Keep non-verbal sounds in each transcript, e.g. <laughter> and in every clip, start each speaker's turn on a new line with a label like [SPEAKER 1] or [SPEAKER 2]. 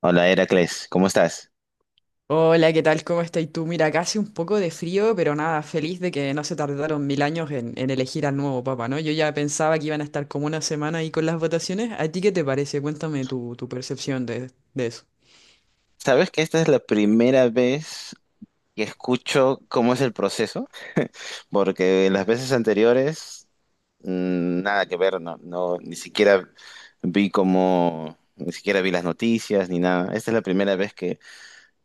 [SPEAKER 1] Hola, Heracles, ¿cómo estás?
[SPEAKER 2] Hola, ¿qué tal? ¿Cómo estás tú? Mira, acá hace un poco de frío, pero nada, feliz de que no se tardaron 1000 años en elegir al nuevo papa, ¿no? Yo ya pensaba que iban a estar como una semana ahí con las votaciones. ¿A ti qué te parece? Cuéntame tu percepción de eso.
[SPEAKER 1] ¿Sabes que esta es la primera vez que escucho cómo es el proceso? Porque las veces anteriores, nada que ver. No, no, ni siquiera vi las noticias ni nada. Esta es la primera vez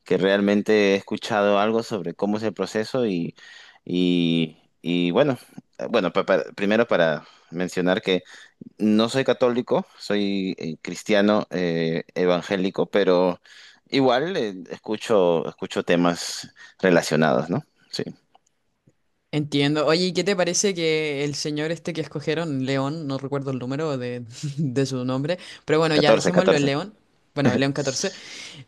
[SPEAKER 1] que realmente he escuchado algo sobre cómo es el proceso. Y bueno, bueno, primero para mencionar que no soy católico. Soy cristiano, evangélico, pero igual, escucho temas relacionados, ¿no? Sí,
[SPEAKER 2] Entiendo. Oye, ¿y qué te parece que el señor este que escogieron, León, no recuerdo el número de, <laughs> de su nombre, pero bueno, ya
[SPEAKER 1] catorce,
[SPEAKER 2] dejémoslo en
[SPEAKER 1] catorce.
[SPEAKER 2] León, bueno, León XIV.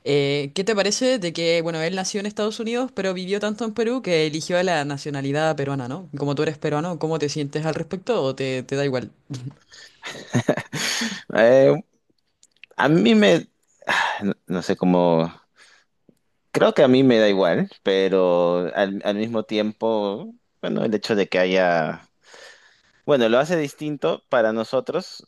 [SPEAKER 2] ¿Qué te parece de que, bueno, él nació en Estados Unidos, pero vivió tanto en Perú que eligió la nacionalidad peruana, ¿no? Como tú eres peruano, ¿cómo te sientes al respecto o te da igual?
[SPEAKER 1] <laughs> Eh, a mí me, <sighs> no, no sé cómo. Creo que a mí me da igual, pero al mismo tiempo, bueno, el hecho de que haya... Bueno,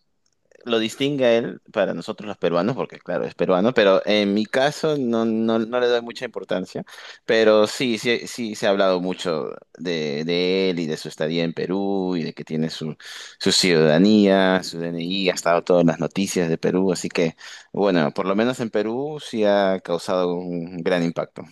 [SPEAKER 1] lo distingue a él para nosotros los peruanos, porque claro, es peruano, pero en mi caso, no, no, no le doy mucha importancia, pero sí, sí, sí se ha hablado mucho de él y de su estadía en Perú y de que tiene su ciudadanía, su DNI. Ha estado todas las noticias de Perú, así que bueno, por lo menos en Perú sí ha causado un gran impacto.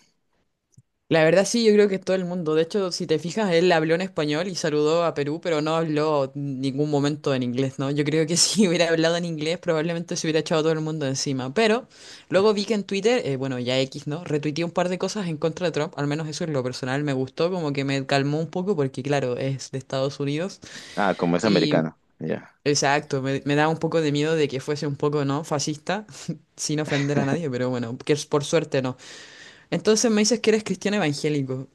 [SPEAKER 2] La verdad sí, yo creo que todo el mundo. De hecho, si te fijas, él habló en español y saludó a Perú, pero no habló ningún momento en inglés, ¿no? Yo creo que <laughs> si hubiera hablado en inglés, probablemente se hubiera echado a todo el mundo encima. Pero luego vi que en Twitter, bueno, ya X, ¿no? Retuiteé un par de cosas en contra de Trump, al menos eso en lo personal me gustó, como que me calmó un poco, porque claro, es de Estados Unidos.
[SPEAKER 1] Ah, como es
[SPEAKER 2] Y
[SPEAKER 1] americano, ya.
[SPEAKER 2] Exacto, me da un poco de miedo de que fuese un poco, ¿no? Fascista, <laughs> sin ofender a nadie, pero bueno, por suerte no. Entonces me dices que eres cristiano evangélico.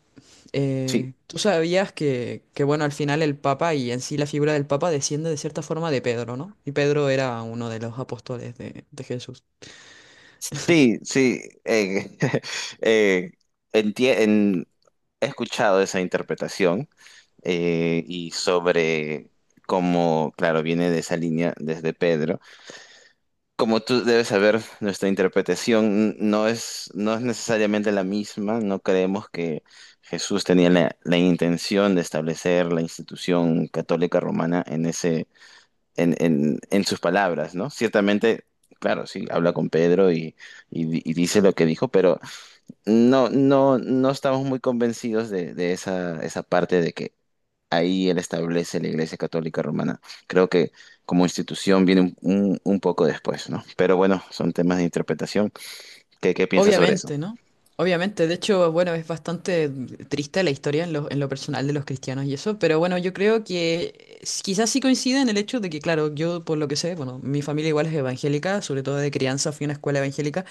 [SPEAKER 1] Sí,
[SPEAKER 2] ¿Tú sabías que, bueno, al final el Papa y en sí la figura del Papa desciende de cierta forma de Pedro, ¿no? Y Pedro era uno de los apóstoles de Jesús.
[SPEAKER 1] sí, sí. eh, <laughs> eh, entie- en- he escuchado esa interpretación. Y sobre cómo, claro, viene de esa línea desde Pedro. Como tú debes saber, nuestra interpretación no es necesariamente la misma. No creemos que Jesús tenía la intención de establecer la institución católica romana en, ese, en sus palabras, ¿no? Ciertamente, claro, sí, habla con Pedro y dice lo que dijo, pero no, no, no estamos muy convencidos de esa parte de que ahí él establece la Iglesia Católica Romana. Creo que como institución viene un poco después, ¿no? Pero bueno, son temas de interpretación. ¿Qué piensas sobre eso?
[SPEAKER 2] Obviamente, ¿no? Obviamente, de hecho, bueno, es bastante triste la historia en lo personal de los cristianos y eso, pero bueno, yo creo que quizás sí coincide en el hecho de que, claro, yo por lo que sé, bueno, mi familia igual es evangélica, sobre todo de crianza fui a una escuela evangélica,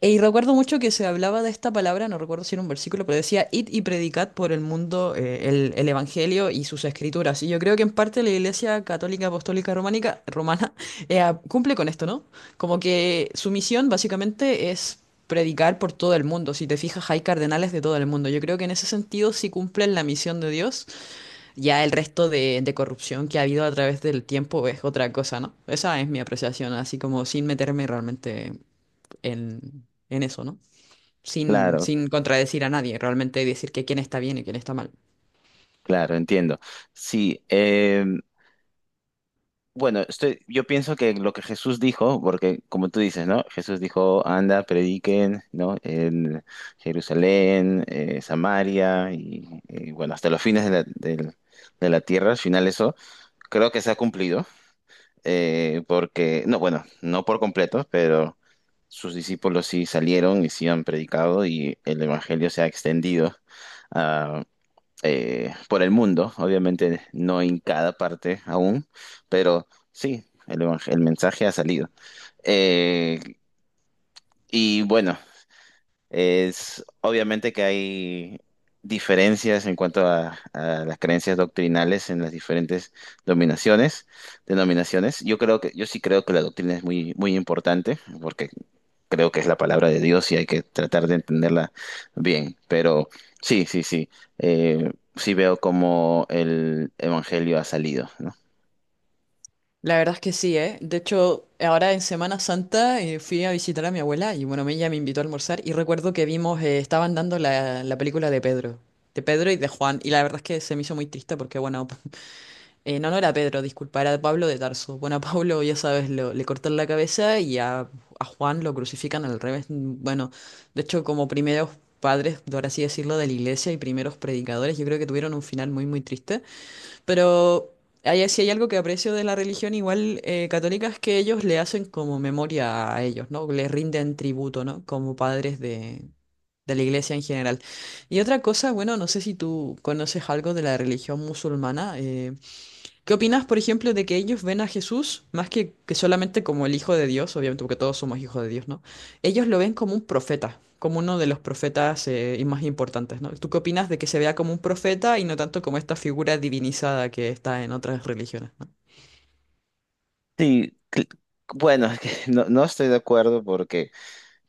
[SPEAKER 2] y recuerdo mucho que se hablaba de esta palabra, no recuerdo si era un versículo, pero decía, id y predicad por el mundo el Evangelio y sus escrituras. Y yo creo que en parte la Iglesia Católica Apostólica Románica, Romana <laughs> cumple con esto, ¿no? Como que su misión básicamente es predicar por todo el mundo. Si te fijas, hay cardenales de todo el mundo. Yo creo que en ese sentido sí cumplen la misión de Dios. Ya el resto de corrupción que ha habido a través del tiempo es otra cosa, ¿no? Esa es mi apreciación, así como sin meterme realmente en eso, ¿no? sin,
[SPEAKER 1] Claro,
[SPEAKER 2] sin contradecir a nadie, realmente decir que quién está bien y quién está mal.
[SPEAKER 1] claro, entiendo. Sí, bueno, yo pienso que lo que Jesús dijo... Porque como tú dices, ¿no? Jesús dijo: anda, prediquen, ¿no? En Jerusalén, Samaria y, bueno, hasta los fines de de la tierra. Al final, eso creo que se ha cumplido. Porque no, bueno, no por completo, pero sus discípulos sí salieron y sí han predicado y el evangelio se ha extendido ah, por el mundo, obviamente no en cada parte aún, pero sí, el mensaje ha salido. Eh, y bueno, es obviamente que hay diferencias en cuanto a las creencias doctrinales en las diferentes dominaciones, denominaciones. Yo sí creo que la doctrina es muy, muy importante, porque creo que es la palabra de Dios y hay que tratar de entenderla bien. Pero sí, sí, sí. Sí veo cómo el evangelio ha salido, ¿no?
[SPEAKER 2] La verdad es que sí, ¿eh? De hecho, ahora en Semana Santa fui a visitar a mi abuela y bueno, ella me invitó a almorzar y recuerdo que vimos, estaban dando la película de Pedro y de Juan, y la verdad es que se me hizo muy triste porque bueno, <laughs> no, no era Pedro, disculpa, era Pablo de Tarso. Bueno, a Pablo, ya sabes, le cortan la cabeza y a Juan lo crucifican al revés. Bueno, de hecho, como primeros padres, por así decirlo, de la iglesia y primeros predicadores, yo creo que tuvieron un final muy, muy triste. Pero hay, si hay algo que aprecio de la religión igual católica es que ellos le hacen como memoria a ellos, ¿no? Le rinden tributo, ¿no? Como padres de la iglesia en general. Y otra cosa, bueno, no sé si tú conoces algo de la religión musulmana. ¿Qué opinas, por ejemplo, de que ellos ven a Jesús más que solamente como el Hijo de Dios, obviamente porque todos somos hijos de Dios, ¿no? Ellos lo ven como un profeta, como uno de los profetas y más importantes, ¿no? ¿Tú qué opinas de que se vea como un profeta y no tanto como esta figura divinizada que está en otras religiones, ¿no?
[SPEAKER 1] Sí, bueno, <laughs> es que no, no estoy de acuerdo porque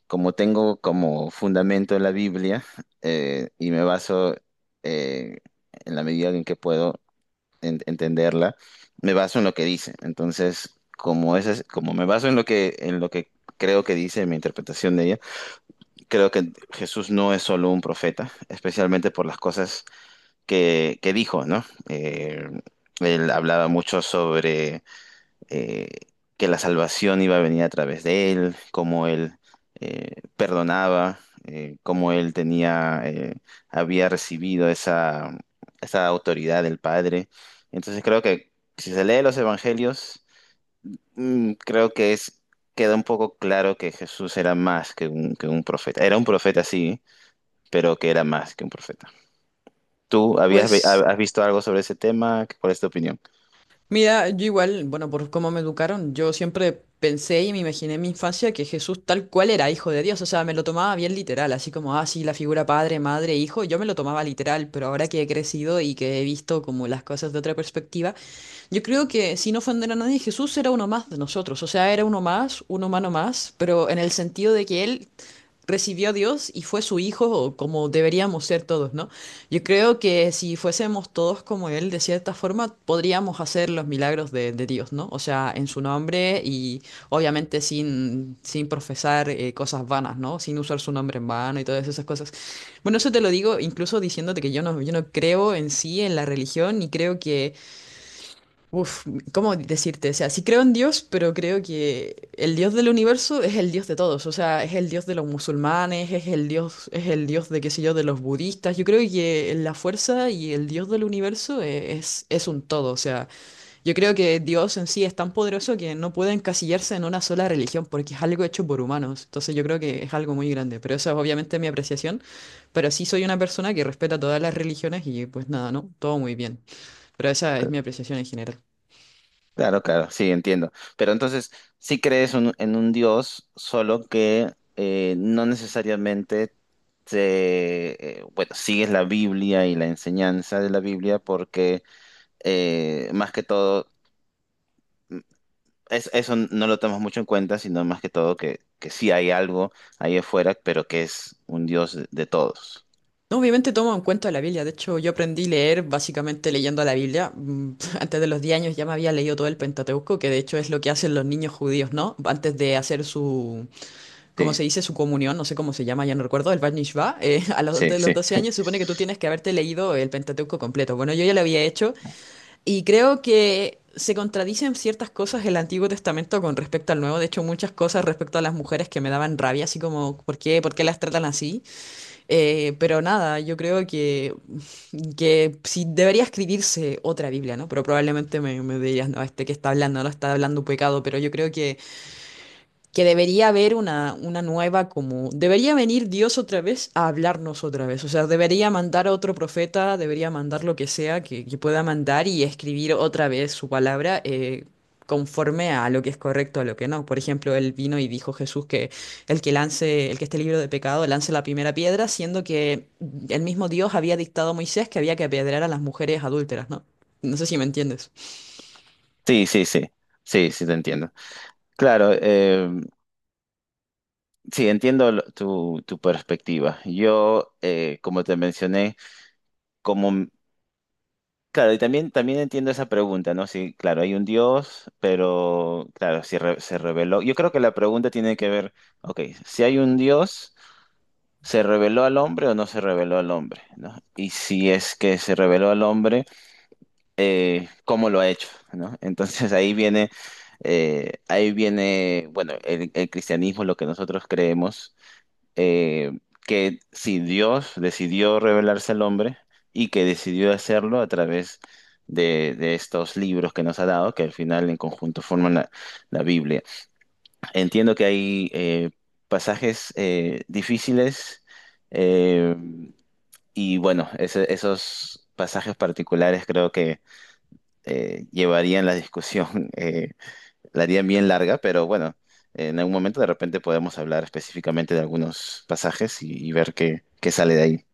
[SPEAKER 1] como tengo como fundamento la Biblia, y me baso, eh, en la medida en que puedo entenderla, me baso en lo que dice. Entonces, como como me baso en lo que creo que dice, en mi interpretación de ella, creo que Jesús no es solo un profeta, especialmente por las cosas que dijo, ¿no? Él hablaba mucho sobre, eh, que la salvación iba a venir a través de él, cómo él perdonaba, cómo él tenía, había recibido esa autoridad del Padre. Entonces creo que si se lee los evangelios, creo que queda un poco claro que Jesús era más que un profeta. Era un profeta, sí, pero que era más que un profeta. ¿Tú habías, ve- ha-
[SPEAKER 2] Pues,
[SPEAKER 1] has visto algo sobre ese tema? ¿Cuál es tu opinión?
[SPEAKER 2] mira, yo igual, bueno, por cómo me educaron, yo siempre pensé y me imaginé en mi infancia que Jesús tal cual era hijo de Dios, o sea, me lo tomaba bien literal, así como, ah, sí, la figura padre, madre, hijo, yo me lo tomaba literal, pero ahora que he crecido y que he visto como las cosas de otra perspectiva, yo creo que sin ofender a nadie, Jesús era uno más de nosotros, o sea, era uno más, un humano más, pero en el sentido de que él recibió a Dios y fue su hijo como deberíamos ser todos, ¿no? Yo creo que si fuésemos todos como él, de cierta forma, podríamos hacer los milagros de Dios, ¿no? O sea, en su nombre y obviamente sin, sin profesar cosas vanas, ¿no? Sin usar su nombre en vano y todas esas cosas. Bueno, eso te lo digo incluso diciéndote que yo no creo en sí, en la religión, y creo que Uf, ¿cómo decirte? O sea, sí creo en Dios, pero creo que el Dios del universo es el Dios de todos. O sea, es el Dios de los musulmanes, es el Dios de, qué sé yo, de los budistas. Yo creo que la fuerza y el Dios del universo es un todo. O sea, yo creo que Dios en sí es tan poderoso que no puede encasillarse en una sola religión porque es algo hecho por humanos. Entonces yo creo que es algo muy grande. Pero esa es obviamente mi apreciación. Pero sí soy una persona que respeta todas las religiones y pues nada, ¿no? Todo muy bien. Pero esa es mi apreciación en general.
[SPEAKER 1] Claro, claro, sí, entiendo. Pero entonces, sí crees en un Dios, solo que, no necesariamente bueno, sigues la Biblia y la enseñanza de la Biblia, porque más que todo, mm, eso no lo tomas mucho en cuenta, sino más que todo que sí hay algo ahí afuera, pero que es un Dios de todos.
[SPEAKER 2] No, obviamente tomo en cuenta la Biblia. De hecho, yo aprendí a leer básicamente leyendo la Biblia. Mm. <laughs> Antes de los 10 años ya me había leído todo el Pentateuco, que de hecho es lo que hacen los niños judíos, ¿no? Antes de hacer su, ¿cómo
[SPEAKER 1] Sí,
[SPEAKER 2] se dice? Su comunión, no sé cómo se llama, ya no recuerdo, el Bat Mishvah. <laughs> A los,
[SPEAKER 1] sí,
[SPEAKER 2] antes de los
[SPEAKER 1] sí.
[SPEAKER 2] 12
[SPEAKER 1] <laughs>
[SPEAKER 2] años se supone que tú tienes que haberte leído el Pentateuco completo. Bueno, yo ya lo había hecho y creo que... Se contradicen ciertas cosas el Antiguo Testamento con respecto al Nuevo. De hecho, muchas cosas respecto a las mujeres que me daban rabia, así como, ¿por qué las tratan así? Pero nada, yo creo que sí debería escribirse otra Biblia, ¿no? Pero probablemente me dirías, no, este que está hablando, no está hablando un pecado, pero yo creo que debería haber una nueva como... Debería venir Dios otra vez a hablarnos otra vez. O sea, debería mandar a otro profeta, debería mandar lo que sea que pueda mandar y escribir otra vez su palabra conforme a lo que es correcto, a lo que no. Por ejemplo, él vino y dijo Jesús que el que lance, el que esté libre de pecado, lance la primera piedra, siendo que el mismo Dios había dictado a Moisés que había que apedrear a las mujeres adúlteras, ¿no? No sé si me entiendes.
[SPEAKER 1] Sí, sí, sí. Sí, sí, te entiendo. Claro, sí, entiendo tu perspectiva. Como te mencioné, como, m- claro, y también entiendo esa pregunta, ¿no? Sí, claro, hay un Dios, pero, claro, si se reveló. Yo creo que la pregunta tiene que ver, ok, si hay un Dios, ¿se reveló al hombre o no se reveló al hombre? ¿No? Y si es que se reveló al hombre, ¿cómo lo ha hecho? ¿No? <laughs> Entonces ahí viene, bueno, el cristianismo, lo que nosotros creemos, eh, que si Dios decidió revelarse al hombre y que decidió hacerlo a través de estos libros que nos ha dado, que al final en conjunto forman la Biblia. Entiendo que hay pasajes difíciles, eh, y bueno, esos pasajes particulares creo que llevarían la discusión <laughs> la haría bien larga. Pero bueno, en algún momento de repente podemos hablar específicamente de algunos pasajes y ver qué sale de ahí.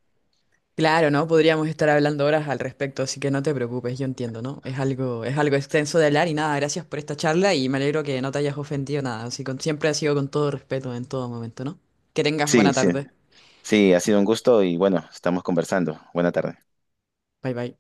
[SPEAKER 2] Claro, ¿no? Podríamos estar hablando horas al respecto, así que no te preocupes, yo entiendo, ¿no? Es algo extenso de hablar y nada, gracias por esta charla y me alegro que no te hayas ofendido nada, siempre ha sido con todo respeto en todo momento, ¿no? Que tengas
[SPEAKER 1] Sí,
[SPEAKER 2] buena
[SPEAKER 1] sí,
[SPEAKER 2] tarde.
[SPEAKER 1] sí, ha sido un gusto y bueno, estamos conversando. Buena tarde.
[SPEAKER 2] Bye bye.